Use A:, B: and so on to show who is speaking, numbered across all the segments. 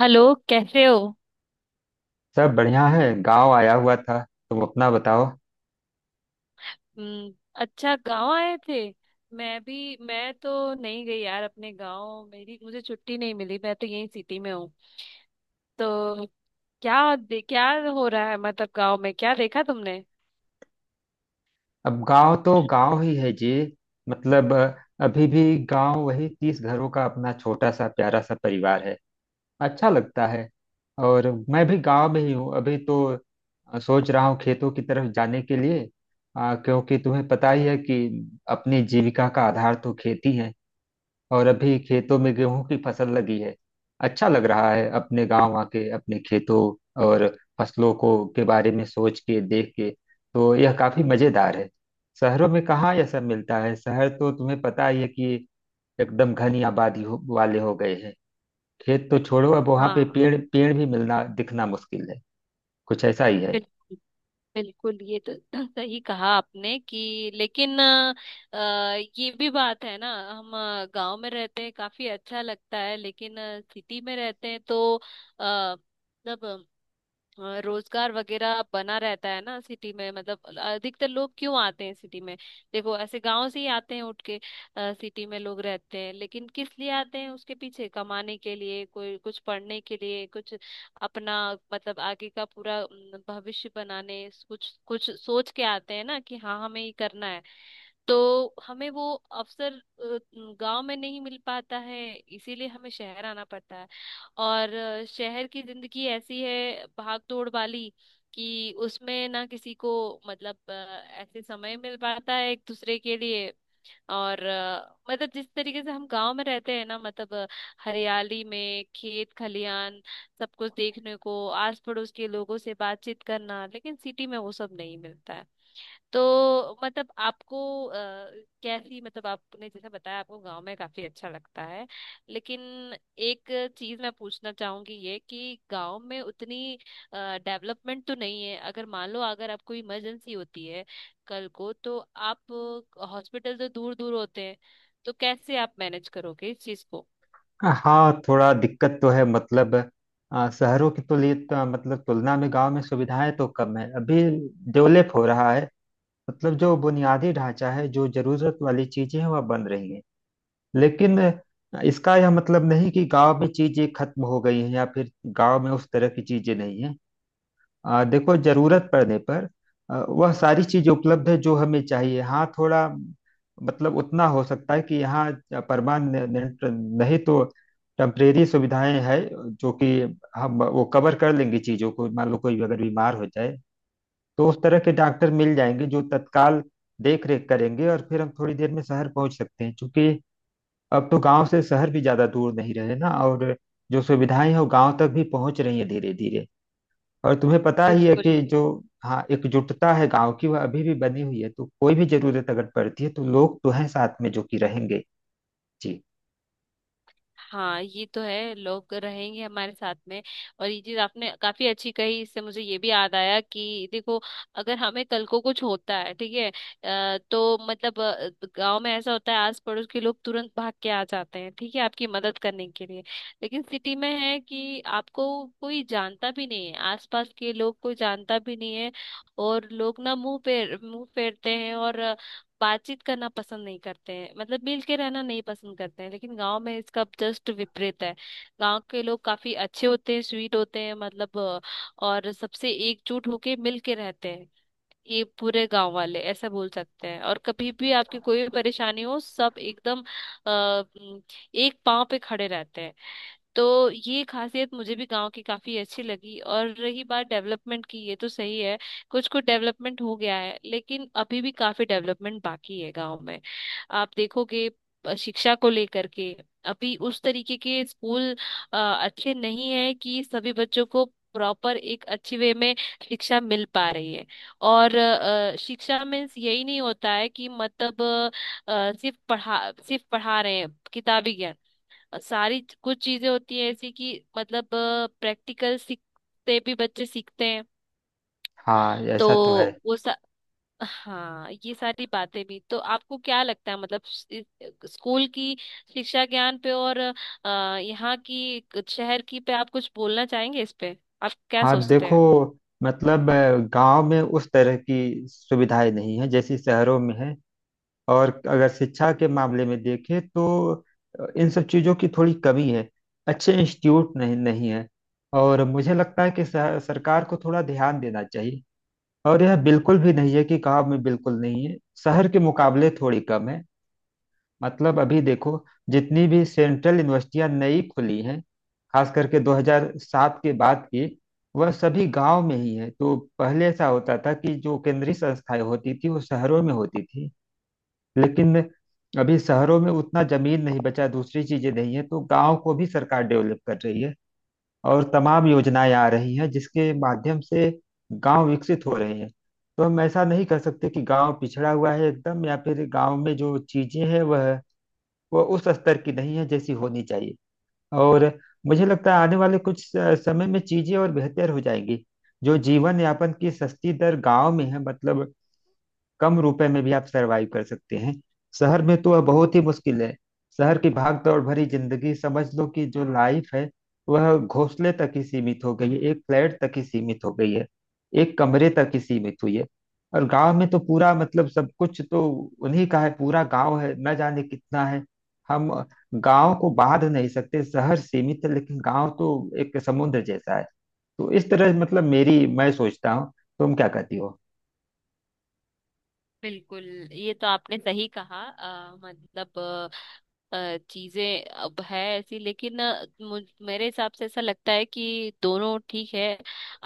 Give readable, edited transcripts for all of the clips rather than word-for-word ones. A: Hello. कैसे हो?
B: सब बढ़िया है, गांव आया हुआ था। तुम अपना बताओ।
A: हम्म। अच्छा, गांव आए थे? मैं तो नहीं गई यार, अपने गांव। मेरी मुझे छुट्टी नहीं मिली। मैं तो यहीं सिटी में हूँ। तो क्या हो रहा है, मतलब गांव में क्या देखा तुमने?
B: अब गांव तो गांव ही है जी। मतलब अभी भी गांव वही 30 घरों का अपना छोटा सा प्यारा सा परिवार है। अच्छा लगता है। और मैं भी गांव में ही हूँ अभी तो। सोच रहा हूँ खेतों की तरफ जाने के लिए। क्योंकि तुम्हें पता ही है कि अपनी जीविका का आधार तो खेती है। और अभी खेतों में गेहूं की फसल लगी है। अच्छा लग रहा है अपने गांव आके अपने खेतों और फसलों को के बारे में सोच के देख के। तो यह काफी मजेदार है। शहरों में कहाँ यह सब मिलता है। शहर तो तुम्हें पता ही है कि एकदम घनी आबादी हो, वाले हो गए हैं। खेत तो छोड़ो, अब वहां पे
A: हाँ।
B: पेड़ पेड़ भी मिलना दिखना मुश्किल है। कुछ ऐसा ही है।
A: बिल्कुल। बिल्कुल ये तो सही कहा आपने कि, लेकिन अ, ये भी बात है ना, हम गांव में रहते हैं काफी अच्छा लगता है, लेकिन सिटी में रहते हैं तो अ, मतलब रोजगार वगैरह बना रहता है ना सिटी में। मतलब अधिकतर लोग क्यों आते हैं सिटी में? देखो ऐसे गांव से ही आते हैं उठ के, सिटी में लोग रहते हैं। लेकिन किस लिए आते हैं? उसके पीछे कमाने के लिए, कोई कुछ पढ़ने के लिए, कुछ अपना मतलब आगे का पूरा भविष्य बनाने, कुछ कुछ सोच के आते हैं ना, कि हाँ हमें ये करना है। तो हमें वो अवसर गांव में नहीं मिल पाता है, इसीलिए हमें शहर आना पड़ता है। और शहर की जिंदगी ऐसी है, भाग दौड़ वाली, कि उसमें ना किसी को मतलब ऐसे समय मिल पाता है एक दूसरे के लिए। और मतलब जिस तरीके से हम गांव में रहते हैं ना, मतलब हरियाली में खेत खलियान सब कुछ देखने को, आस पड़ोस के लोगों से बातचीत करना, लेकिन सिटी में वो सब नहीं मिलता है। तो मतलब आपको अ, कैसी, मतलब आपने जैसे बताया आपको गांव में काफी अच्छा लगता है, लेकिन एक चीज मैं पूछना चाहूंगी, ये कि गांव में उतनी डेवलपमेंट तो नहीं है। अगर मान लो अगर आपको इमरजेंसी होती है कल को, तो आप, हॉस्पिटल तो दूर दूर होते हैं, तो कैसे आप मैनेज करोगे इस चीज को?
B: हाँ, थोड़ा दिक्कत तो है। मतलब शहरों की तुलना में गांव में सुविधाएं तो कम है अभी। डेवलप हो रहा है। मतलब जो बुनियादी ढांचा है, जो जरूरत वाली चीजें हैं, वह बन रही हैं। लेकिन इसका यह मतलब नहीं कि गांव में चीजें खत्म हो गई हैं या फिर गांव में उस तरह की चीजें नहीं हैं। देखो, जरूरत पड़ने पर वह सारी चीजें उपलब्ध है जो हमें चाहिए। हाँ, थोड़ा मतलब उतना हो सकता है कि यहाँ परमानेंट नहीं तो टेम्परेरी सुविधाएं हैं, जो कि हम वो कवर कर लेंगे चीजों को। मान लो कोई अगर बीमार हो जाए तो उस तरह के डॉक्टर मिल जाएंगे जो तत्काल देख रेख करेंगे, और फिर हम थोड़ी देर में शहर पहुंच सकते हैं, क्योंकि अब तो गांव से शहर भी ज्यादा दूर नहीं रहे ना। और जो सुविधाएं हैं वो गांव तक भी पहुंच रही है धीरे धीरे। और तुम्हें पता ही है
A: बिल्कुल।
B: कि जो हाँ एकजुटता है गांव की वह अभी भी बनी हुई है, तो कोई भी जरूरत अगर पड़ती है तो लोग तो हैं साथ में जो कि रहेंगे। जी।
A: हाँ ये तो है, लोग रहेंगे हमारे साथ में। और ये चीज आपने काफी अच्छी कही, इससे मुझे ये भी याद आया कि देखो, अगर हमें कल को कुछ होता है ठीक है, तो मतलब गांव में ऐसा होता है, आस पड़ोस के लोग तुरंत भाग के आ जाते हैं ठीक है, आपकी मदद करने के लिए। लेकिन सिटी में है कि आपको कोई जानता भी नहीं है, आसपास के लोग कोई जानता भी नहीं है। और लोग ना मुंह पे मुंह फेरते हैं, और बातचीत करना पसंद नहीं करते हैं, मतलब मिल के रहना नहीं पसंद करते हैं। लेकिन गांव में इसका जस्ट विपरीत है। गांव के लोग काफी अच्छे होते हैं, स्वीट होते हैं, मतलब और सबसे एकजुट होके मिल के रहते हैं। ये पूरे गांव वाले ऐसा बोल सकते हैं, और कभी भी आपकी कोई भी परेशानी हो सब एकदम अ, एक पांव पे खड़े रहते हैं। तो ये खासियत मुझे भी गांव की काफी अच्छी लगी। और रही बात डेवलपमेंट की, ये तो सही है कुछ कुछ डेवलपमेंट हो गया है, लेकिन अभी भी काफी डेवलपमेंट बाकी है गांव में। आप देखोगे शिक्षा को लेकर के अभी उस तरीके के स्कूल अच्छे नहीं है कि सभी बच्चों को प्रॉपर एक अच्छी वे में शिक्षा मिल पा रही है। और शिक्षा मीन्स यही नहीं होता है कि, मतलब सिर्फ पढ़ा रहे हैं किताबी ज्ञान। सारी कुछ चीजें होती है ऐसी कि, मतलब प्रैक्टिकल सीखते, भी बच्चे सीखते हैं।
B: हाँ, ऐसा तो है।
A: तो वो सा, हाँ ये सारी बातें भी तो, आपको क्या लगता है मतलब स्कूल की शिक्षा ज्ञान पे, और यहाँ की शहर की पे आप कुछ बोलना चाहेंगे इस पे? आप क्या
B: हाँ,
A: सोचते
B: देखो,
A: हैं?
B: मतलब गांव में उस तरह की सुविधाएं नहीं है जैसी शहरों में है। और अगर शिक्षा के मामले में देखें तो इन सब चीज़ों की थोड़ी कमी है। अच्छे इंस्टीट्यूट नहीं नहीं है। और मुझे लगता है कि सरकार को थोड़ा ध्यान देना चाहिए। और यह बिल्कुल भी नहीं है कि गांव में बिल्कुल नहीं है। शहर के मुकाबले थोड़ी कम है। मतलब अभी देखो, जितनी भी सेंट्रल यूनिवर्सिटियां नई खुली हैं, खास करके 2007 के बाद की, वह सभी गांव में ही है। तो पहले ऐसा होता था कि जो केंद्रीय संस्थाएं होती थी वो शहरों में होती थी। लेकिन अभी शहरों में उतना जमीन नहीं बचा, दूसरी चीजें नहीं है, तो गांव को भी सरकार डेवलप कर रही है। और तमाम योजनाएं आ रही हैं जिसके माध्यम से गांव विकसित हो रहे हैं। तो हम ऐसा नहीं कर सकते कि गांव पिछड़ा हुआ है एकदम, या फिर गांव में जो चीजें हैं वह उस स्तर की नहीं है जैसी होनी चाहिए। और मुझे लगता है आने वाले कुछ समय में चीजें और बेहतर हो जाएंगी। जो जीवन यापन की सस्ती दर गांव में है, मतलब कम रुपए में भी आप सरवाइव कर सकते हैं, शहर में तो वह बहुत ही मुश्किल है। शहर की भाग दौड़ भरी जिंदगी, समझ लो कि जो लाइफ है, वह घोंसले तक ही सीमित हो गई है, एक फ्लैट तक ही सीमित हो गई है, एक कमरे तक ही सीमित हुई है। और गांव में तो पूरा मतलब सब कुछ तो उन्हीं का है, पूरा गांव है, न जाने कितना है। हम गांव को बांध नहीं सकते। शहर सीमित है, लेकिन गांव तो एक समुद्र जैसा है। तो इस तरह मतलब मेरी मैं सोचता हूँ। तुम क्या कहती हो?
A: बिल्कुल। ये तो आपने सही कहा मतलब चीजें अब है ऐसी, लेकिन अ, मुझ मेरे हिसाब से ऐसा लगता है कि दोनों ठीक है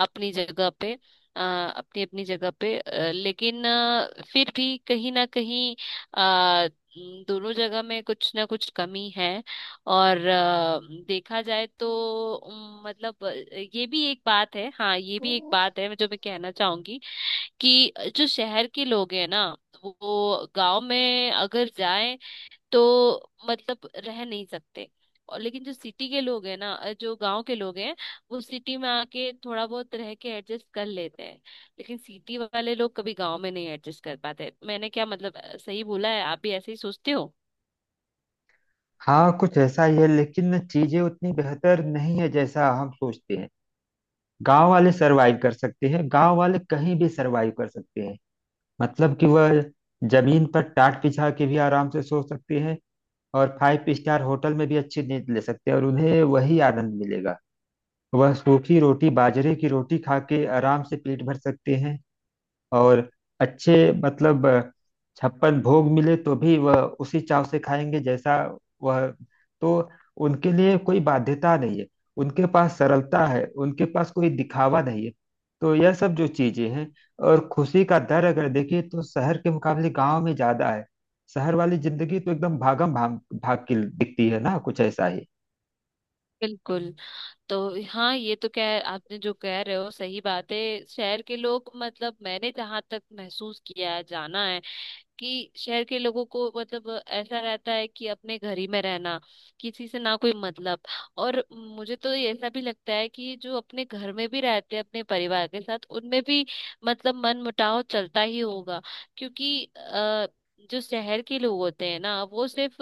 A: अपनी जगह पे। अ, अपनी अपनी जगह पे, लेकिन फिर भी कहीं ना कहीं अ, दोनों जगह में कुछ ना कुछ कमी है। और देखा जाए तो, मतलब ये भी एक बात है। हाँ ये भी एक बात है जो मैं कहना चाहूंगी, कि जो शहर के लोग हैं ना वो गांव में अगर जाएं तो मतलब रह नहीं सकते। और लेकिन जो सिटी के लोग हैं ना, जो गांव के लोग हैं वो सिटी में आके थोड़ा बहुत रह के एडजस्ट कर लेते हैं। लेकिन सिटी वाले लोग कभी गांव में नहीं एडजस्ट कर पाते। मैंने क्या, मतलब सही बोला है? आप भी ऐसे ही सोचते हो?
B: हाँ, कुछ ऐसा ही है, लेकिन चीजें उतनी बेहतर नहीं है जैसा हम सोचते हैं। गांव वाले सरवाइव कर सकते हैं, गांव वाले कहीं भी सरवाइव कर सकते हैं। मतलब कि वह जमीन पर टाट बिछा के भी आराम से सो सकते हैं, और फाइव स्टार होटल में भी अच्छी नींद ले सकते हैं और उन्हें वही आनंद मिलेगा। वह सूखी रोटी बाजरे की रोटी खा के आराम से पेट भर सकते हैं। और अच्छे मतलब छप्पन भोग मिले तो भी वह उसी चाव से खाएंगे जैसा वह। तो उनके लिए कोई बाध्यता नहीं है। उनके पास सरलता है, उनके पास कोई दिखावा नहीं है। तो यह सब जो चीजें हैं, और खुशी का दर अगर देखें तो शहर के मुकाबले गांव में ज्यादा है। शहर वाली जिंदगी तो एकदम भागम भाग भाग की दिखती है ना, कुछ ऐसा ही।
A: बिल्कुल। तो हाँ ये तो, कह आपने जो कह रहे हो सही बात है। शहर के लोग, मतलब मैंने जहां तक महसूस किया है जाना है, कि शहर के लोगों को मतलब ऐसा रहता है कि अपने घर ही में रहना, किसी से ना कोई मतलब। और मुझे तो ये ऐसा भी लगता है कि जो अपने घर में भी रहते हैं अपने परिवार के साथ, उनमें भी मतलब मन मुटाव चलता ही होगा। क्योंकि जो शहर के लोग होते हैं ना वो सिर्फ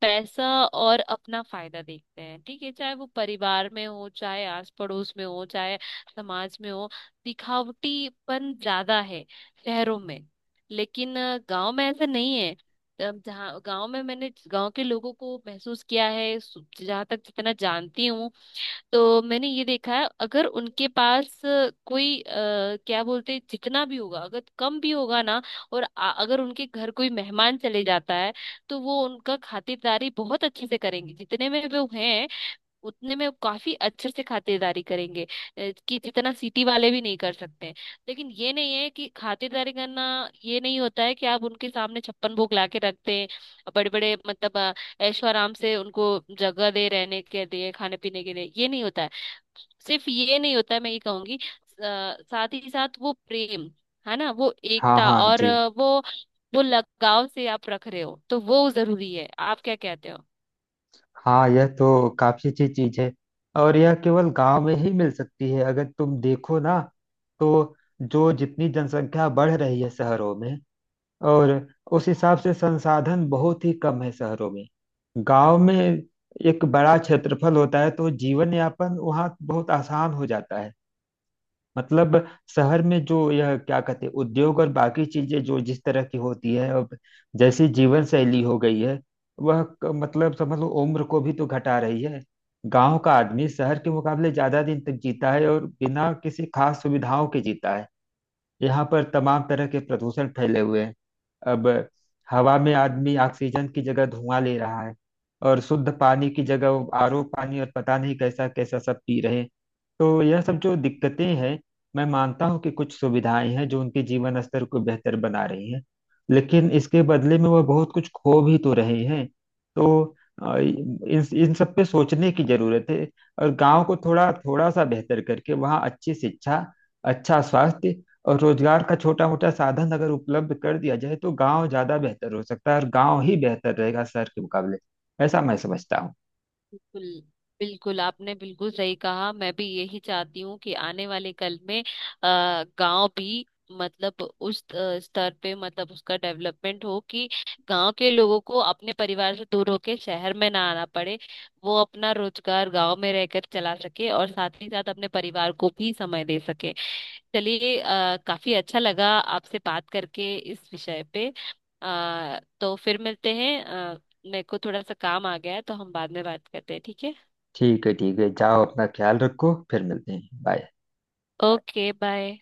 A: पैसा और अपना फायदा देखते हैं, ठीक है चाहे वो परिवार में हो, चाहे आस पड़ोस में हो, चाहे समाज में हो। दिखावटीपन ज्यादा है शहरों में, लेकिन गांव में ऐसा नहीं है। तब जहाँ गांव में मैंने गांव के लोगों को महसूस किया है, जहाँ तक जितना जानती हूँ, तो मैंने ये देखा है, अगर उनके पास कोई क्या बोलते हैं, जितना भी होगा, अगर कम भी होगा ना, और अगर उनके घर कोई मेहमान चले जाता है, तो वो उनका खातिरदारी बहुत अच्छे से करेंगे। जितने में वो हैं उतने में वो काफी अच्छे से खातिरदारी करेंगे कि जितना सिटी वाले भी नहीं कर सकते हैं। लेकिन ये नहीं है कि खातिरदारी करना ये नहीं होता है कि आप उनके सामने छप्पन भोग ला के रखते हैं, बड़े बड़े मतलब ऐशो आराम से उनको जगह दे रहने के लिए खाने पीने के लिए, ये नहीं होता है। सिर्फ ये नहीं होता है मैं ये कहूंगी, साथ ही साथ वो प्रेम है ना, वो
B: हाँ
A: एकता,
B: हाँ
A: और
B: जी।
A: वो लगाव से आप रख रहे हो, तो वो जरूरी है। आप क्या कहते हो?
B: हाँ, यह तो काफी अच्छी चीज है, और यह केवल गांव में ही मिल सकती है अगर तुम देखो ना। तो जो जितनी जनसंख्या बढ़ रही है शहरों में, और उस हिसाब से संसाधन बहुत ही कम है शहरों में। गांव में एक बड़ा क्षेत्रफल होता है तो जीवन यापन वहाँ बहुत आसान हो जाता है। मतलब शहर में जो यह क्या कहते हैं उद्योग और बाकी चीजें जो जिस तरह की होती है अब, जैसी जीवन शैली हो गई है, वह मतलब समझ लो उम्र को भी तो घटा रही है। गांव का आदमी शहर के मुकाबले ज्यादा दिन तक जीता है और बिना किसी खास सुविधाओं के जीता है। यहाँ पर तमाम तरह के प्रदूषण फैले हुए हैं। अब हवा में आदमी ऑक्सीजन की जगह धुआं ले रहा है, और शुद्ध पानी की जगह आरओ पानी और पता नहीं कैसा कैसा सब पी रहे हैं। तो यह सब जो दिक्कतें हैं, मैं मानता हूँ कि कुछ सुविधाएं हैं जो उनके जीवन स्तर को बेहतर बना रही हैं, लेकिन इसके बदले में वह बहुत कुछ खो भी तो रहे हैं। तो इन इन सब पे सोचने की जरूरत है। और गांव को थोड़ा थोड़ा सा बेहतर करके वहाँ अच्छी शिक्षा, अच्छा स्वास्थ्य और रोजगार का छोटा मोटा साधन अगर उपलब्ध कर दिया जाए तो गांव ज्यादा बेहतर हो सकता है, और गांव ही बेहतर रहेगा शहर के मुकाबले। ऐसा मैं समझता हूँ।
A: बिल्कुल। बिल्कुल आपने बिल्कुल सही कहा। मैं भी यही चाहती हूँ कि आने वाले कल में आ गांव भी, मतलब उस स्तर पे, मतलब उसका डेवलपमेंट हो कि गांव के लोगों को अपने परिवार से दूर होके शहर में ना आना पड़े। वो अपना रोजगार गांव में रहकर चला सके, और साथ ही साथ अपने परिवार को भी समय दे सके। चलिए काफी अच्छा लगा आपसे बात करके इस विषय पे। तो फिर मिलते हैं। मेरे को थोड़ा सा काम आ गया है, तो हम बाद में बात करते हैं ठीक है।
B: ठीक है, ठीक है, जाओ अपना ख्याल रखो। फिर मिलते हैं। बाय।
A: Okay bye.